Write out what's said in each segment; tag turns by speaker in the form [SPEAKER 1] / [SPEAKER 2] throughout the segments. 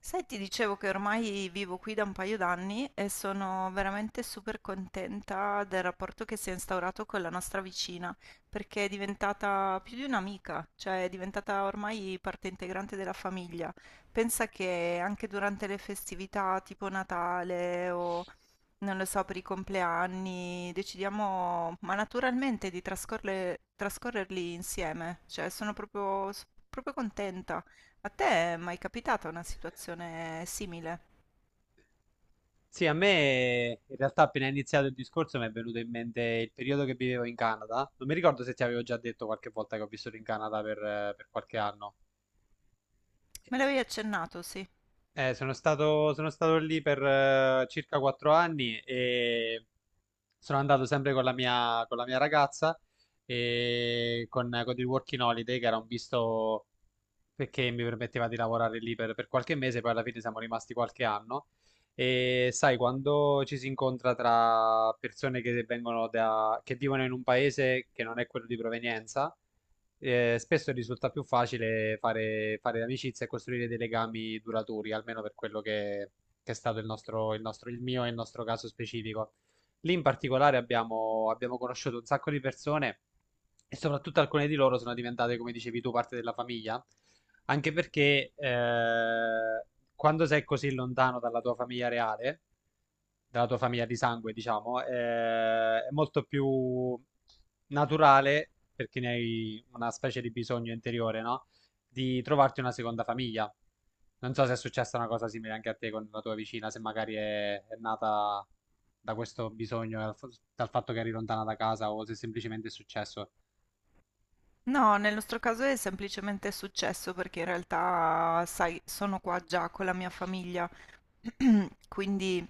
[SPEAKER 1] Sai, ti dicevo che ormai vivo qui da un paio d'anni e sono veramente super contenta del rapporto che si è instaurato con la nostra vicina, perché è diventata più di un'amica, cioè è diventata ormai parte integrante della famiglia. Pensa che anche durante le festività tipo Natale o non lo so, per i compleanni, decidiamo, ma naturalmente di trascorrerli insieme, cioè sono proprio, proprio contenta. A te è mai capitata una situazione simile?
[SPEAKER 2] Sì, a me in realtà appena è iniziato il discorso mi è venuto in mente il periodo che vivevo in Canada. Non mi ricordo se ti avevo già detto qualche volta che ho vissuto in Canada per qualche anno.
[SPEAKER 1] Me l'avevi accennato, sì.
[SPEAKER 2] Sono stato lì per circa 4 anni e sono andato sempre con la mia ragazza e con il Working Holiday, che era un visto perché mi permetteva di lavorare lì per qualche mese, poi alla fine siamo rimasti qualche anno. E sai, quando ci si incontra tra persone che vivono in un paese che non è quello di provenienza, spesso risulta più facile fare amicizia e costruire dei legami duraturi, almeno per quello che è stato il mio e il nostro caso specifico. Lì in particolare abbiamo conosciuto un sacco di persone e soprattutto alcune di loro sono diventate, come dicevi tu, parte della famiglia. Anche perché quando sei così lontano dalla tua famiglia reale, dalla tua famiglia di sangue, diciamo, è molto più naturale, perché ne hai una specie di bisogno interiore, no? Di trovarti una seconda famiglia. Non so se è successa una cosa simile anche a te con la tua vicina, se magari è nata da questo bisogno, dal fatto che eri lontana da casa o se semplicemente è successo.
[SPEAKER 1] No, nel nostro caso è semplicemente successo perché in realtà, sai, sono qua già con la mia famiglia Quindi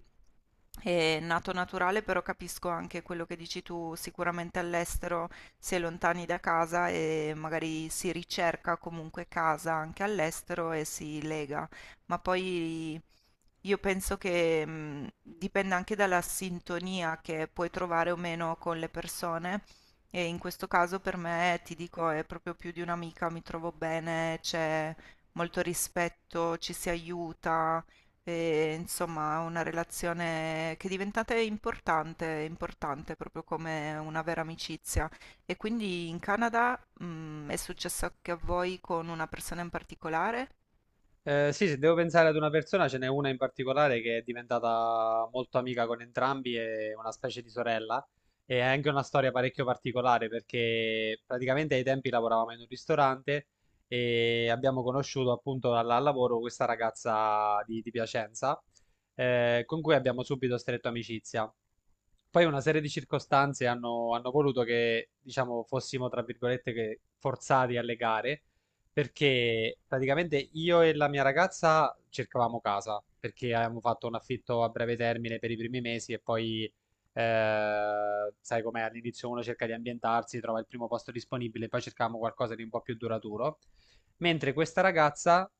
[SPEAKER 1] è nato naturale, però capisco anche quello che dici tu, sicuramente all'estero si è lontani da casa e magari si ricerca comunque casa anche all'estero e si lega, ma poi io penso che dipenda anche dalla sintonia che puoi trovare o meno con le persone. E in questo caso per me, ti dico, è proprio più di un'amica, mi trovo bene, c'è molto rispetto, ci si aiuta, e, insomma, una relazione che è diventata importante, importante proprio come una vera amicizia. E quindi in Canada, è successo anche a voi con una persona in particolare?
[SPEAKER 2] Sì, se devo pensare ad una persona, ce n'è una in particolare che è diventata molto amica con entrambi, è una specie di sorella e ha anche una storia parecchio particolare perché praticamente ai tempi lavoravamo in un ristorante e abbiamo conosciuto appunto al lavoro questa ragazza di Piacenza con cui abbiamo subito stretto amicizia. Poi una serie di circostanze hanno voluto che, diciamo, fossimo, tra virgolette, che forzati a legare. Perché praticamente io e la mia ragazza cercavamo casa, perché avevamo fatto un affitto a breve termine per i primi mesi e poi, sai com'è, all'inizio uno cerca di ambientarsi, trova il primo posto disponibile, poi cercavamo qualcosa di un po' più duraturo. Mentre questa ragazza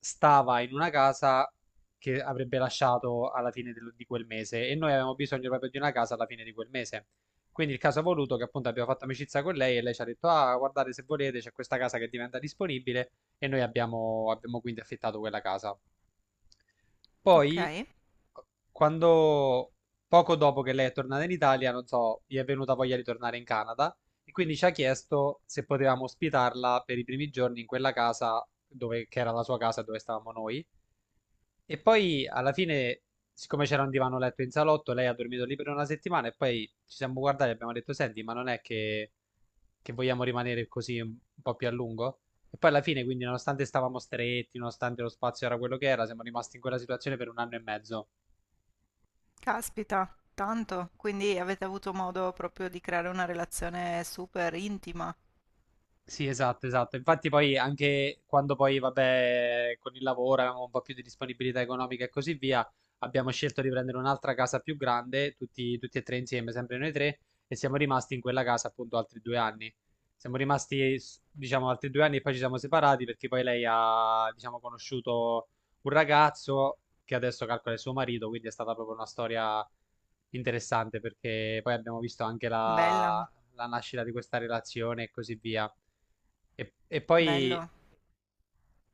[SPEAKER 2] stava in una casa che avrebbe lasciato alla fine di quel mese e noi avevamo bisogno proprio di una casa alla fine di quel mese. Quindi il caso ha voluto che appunto abbiamo fatto amicizia con lei e lei ci ha detto, ah, guardate se volete, c'è questa casa che diventa disponibile e noi abbiamo quindi affittato quella casa.
[SPEAKER 1] Ok,
[SPEAKER 2] Poi, quando, poco dopo che lei è tornata in Italia, non so, gli è venuta voglia di tornare in Canada e quindi ci ha chiesto se potevamo ospitarla per i primi giorni in quella casa che era la sua casa dove stavamo noi. E poi alla fine, siccome c'era un divano letto in salotto, lei ha dormito lì per una settimana e poi ci siamo guardati e abbiamo detto, senti, ma non è che vogliamo rimanere così un po' più a lungo. E poi alla fine, quindi, nonostante stavamo stretti, nonostante lo spazio era quello che era, siamo rimasti in quella situazione per un anno e mezzo.
[SPEAKER 1] caspita, tanto. Quindi avete avuto modo proprio di creare una relazione super intima.
[SPEAKER 2] Sì, esatto, esatto. Infatti poi anche quando poi, vabbè, con il lavoro avevamo un po' più di disponibilità economica e così via, abbiamo scelto di prendere un'altra casa più grande, tutti e tre insieme, sempre noi tre, e siamo rimasti in quella casa appunto altri 2 anni. Siamo rimasti, diciamo, altri 2 anni e poi ci siamo separati perché poi lei ha, diciamo, conosciuto un ragazzo che adesso calcola il suo marito, quindi è stata proprio una storia interessante perché poi abbiamo visto anche
[SPEAKER 1] Bella,
[SPEAKER 2] la nascita di questa relazione e così via. E poi,
[SPEAKER 1] bello.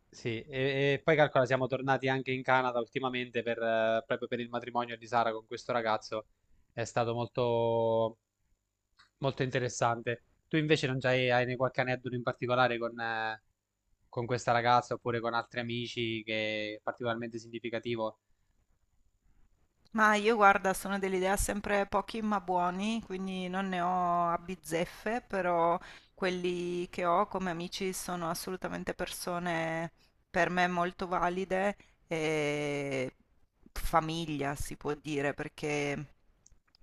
[SPEAKER 2] sì, e poi calcola, siamo tornati anche in Canada ultimamente proprio per il matrimonio di Sara con questo ragazzo. È stato molto, molto interessante. Tu invece non c'hai, hai ne- qualche aneddoto in particolare con questa ragazza oppure con altri amici che è particolarmente significativo?
[SPEAKER 1] Ma io guarda, sono dell'idea sempre pochi ma buoni, quindi non ne ho a bizzeffe, però quelli che ho come amici sono assolutamente persone per me molto valide e famiglia si può dire, perché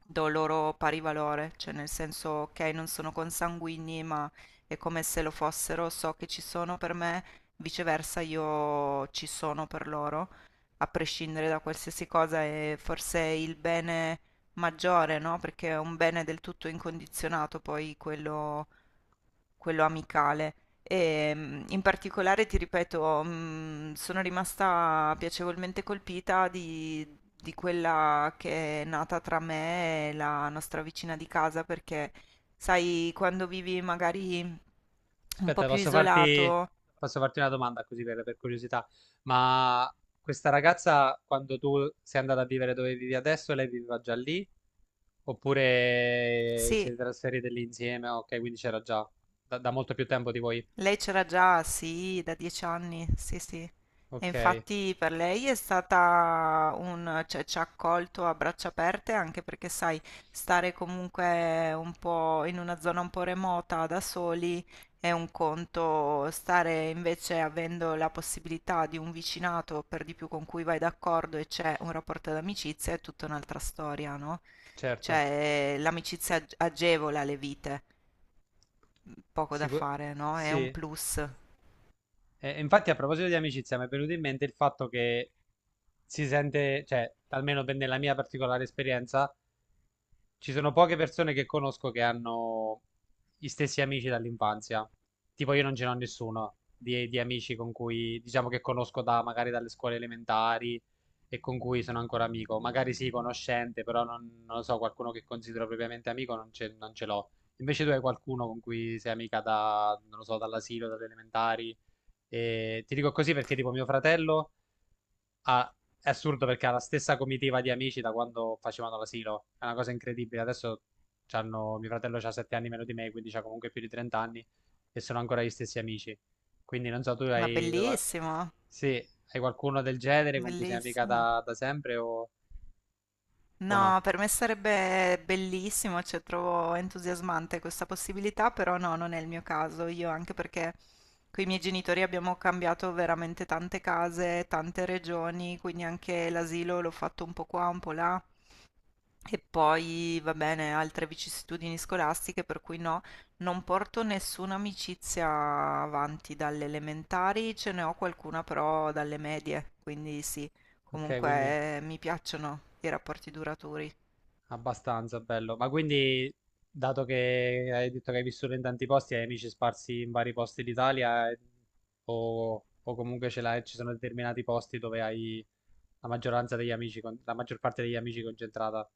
[SPEAKER 1] do loro pari valore, cioè nel senso ok, non sono consanguigni, ma è come se lo fossero, so che ci sono per me, viceversa io ci sono per loro a prescindere da qualsiasi cosa, è forse il bene maggiore, no? Perché è un bene del tutto incondizionato, poi quello amicale. E in particolare, ti ripeto, sono rimasta piacevolmente colpita di quella che è nata tra me e la nostra vicina di casa, perché sai, quando vivi magari un po'
[SPEAKER 2] Aspetta,
[SPEAKER 1] più
[SPEAKER 2] posso farti,
[SPEAKER 1] isolato,
[SPEAKER 2] posso farti una domanda così per curiosità. Ma questa ragazza, quando tu sei andata a vivere dove vivi adesso, lei viveva già lì? Oppure
[SPEAKER 1] sì,
[SPEAKER 2] siete trasferite lì insieme? Ok, quindi c'era già da molto più tempo di voi.
[SPEAKER 1] lei c'era già, sì, da 10 anni, sì, sì. E
[SPEAKER 2] Ok,
[SPEAKER 1] infatti per lei è stata un, cioè, ci ha accolto a braccia aperte anche perché, sai, stare comunque un po' in una zona un po' remota da soli è un conto, stare invece avendo la possibilità di un vicinato per di più con cui vai d'accordo e c'è un rapporto d'amicizia è tutta un'altra storia, no?
[SPEAKER 2] certo.
[SPEAKER 1] Cioè, l'amicizia agevola le vite, poco da
[SPEAKER 2] Sicu-
[SPEAKER 1] fare, no? È
[SPEAKER 2] sì.
[SPEAKER 1] un
[SPEAKER 2] E-
[SPEAKER 1] plus.
[SPEAKER 2] e infatti, a proposito di amicizia, mi è venuto in mente il fatto che si sente, cioè, almeno nella mia particolare esperienza, ci sono poche persone che conosco che hanno gli stessi amici dall'infanzia. Tipo io non ce n'ho nessuno di amici con cui, diciamo che conosco da, magari dalle scuole elementari e con cui sono ancora amico. Magari sì, conoscente, però non lo so, qualcuno che considero propriamente amico non ce l'ho. Invece tu hai qualcuno con cui sei amica da, non lo so, dall'asilo, dalle elementari. E ti dico così perché tipo mio fratello ha- è assurdo perché ha la stessa comitiva di amici da quando facevano l'asilo. È una cosa incredibile. Adesso mio fratello ha 7 anni meno di me, quindi ha comunque più di 30 anni e sono ancora gli stessi amici. Quindi non so,
[SPEAKER 1] Ma bellissimo,
[SPEAKER 2] sì, hai qualcuno del genere con cui sei amica
[SPEAKER 1] bellissimo.
[SPEAKER 2] da sempre o no?
[SPEAKER 1] No, per me sarebbe bellissimo, cioè trovo entusiasmante questa possibilità, però no, non è il mio caso. Io anche perché con i miei genitori abbiamo cambiato veramente tante case, tante regioni, quindi anche l'asilo l'ho fatto un po' qua, un po' là. E poi, va bene, altre vicissitudini scolastiche, per cui no, non porto nessuna amicizia avanti dalle elementari, ce ne ho qualcuna però dalle medie, quindi sì,
[SPEAKER 2] Ok, quindi
[SPEAKER 1] comunque mi piacciono i rapporti duraturi.
[SPEAKER 2] abbastanza bello. Ma quindi, dato che hai detto che hai vissuto in tanti posti, hai amici sparsi in vari posti d'Italia o comunque ce l'hai, ci sono determinati posti dove hai la maggioranza degli amici, la maggior parte degli amici concentrata.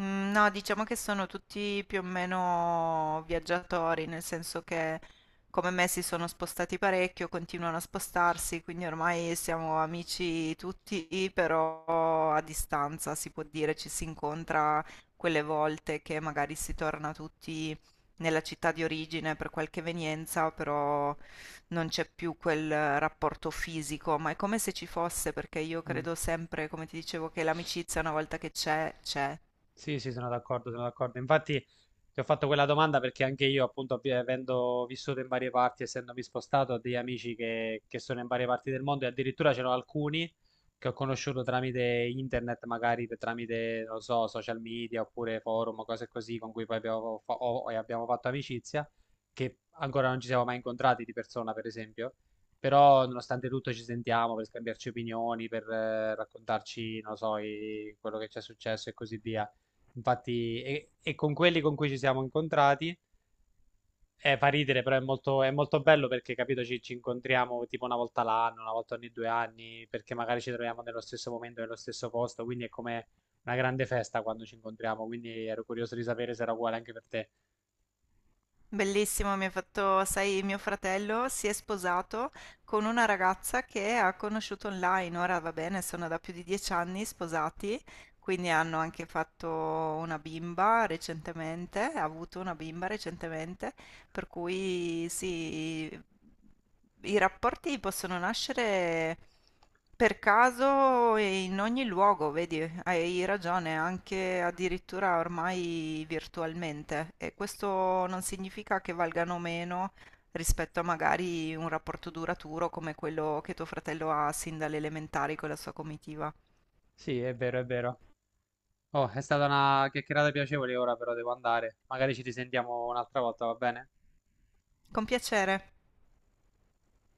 [SPEAKER 1] Mm, no, diciamo che sono tutti più o meno viaggiatori, nel senso che come me si sono spostati parecchio, continuano a spostarsi, quindi ormai siamo amici tutti, però a distanza si può dire, ci si incontra quelle volte che magari si torna tutti nella città di origine per qualche evenienza, però non c'è più quel rapporto fisico, ma è come se ci fosse, perché io
[SPEAKER 2] Mm.
[SPEAKER 1] credo sempre, come ti dicevo, che l'amicizia una volta che c'è, c'è.
[SPEAKER 2] Sì, sì, sono d'accordo, sono d'accordo. Infatti ti ho fatto quella domanda perché anche io, appunto, avendo vissuto in varie parti, essendomi spostato, ho degli amici che sono in varie parti del mondo e addirittura c'erano alcuni che ho conosciuto tramite internet, magari tramite, non lo so, social media oppure forum, o cose così, con cui poi abbiamo, fa- ho- e abbiamo fatto amicizia, che ancora non ci siamo mai incontrati di persona, per esempio. Però, nonostante tutto, ci sentiamo per scambiarci opinioni, per raccontarci, non lo so, quello che ci è successo e così via. Infatti, e con quelli con cui ci siamo incontrati, fa ridere, però è molto bello perché, capito, ci incontriamo tipo una volta l'anno, una volta ogni 2 anni, perché magari ci troviamo nello stesso momento, nello stesso posto, quindi è come una grande festa quando ci incontriamo, quindi ero curioso di sapere se era uguale anche per te.
[SPEAKER 1] Bellissimo, mi ha fatto, sai, mio fratello si è sposato con una ragazza che ha conosciuto online. Ora va bene, sono da più di 10 anni sposati, quindi hanno anche fatto una bimba recentemente, ha avuto una bimba recentemente per cui sì, i rapporti possono nascere per caso e in ogni luogo, vedi, hai ragione, anche addirittura ormai virtualmente. E questo non significa che valgano meno rispetto a magari un rapporto duraturo come quello che tuo fratello ha sin dalle elementari con la sua comitiva.
[SPEAKER 2] Sì, è vero, è vero. Oh, è stata una chiacchierata piacevole, ora però devo andare. Magari ci risentiamo un'altra volta, va bene?
[SPEAKER 1] Con piacere.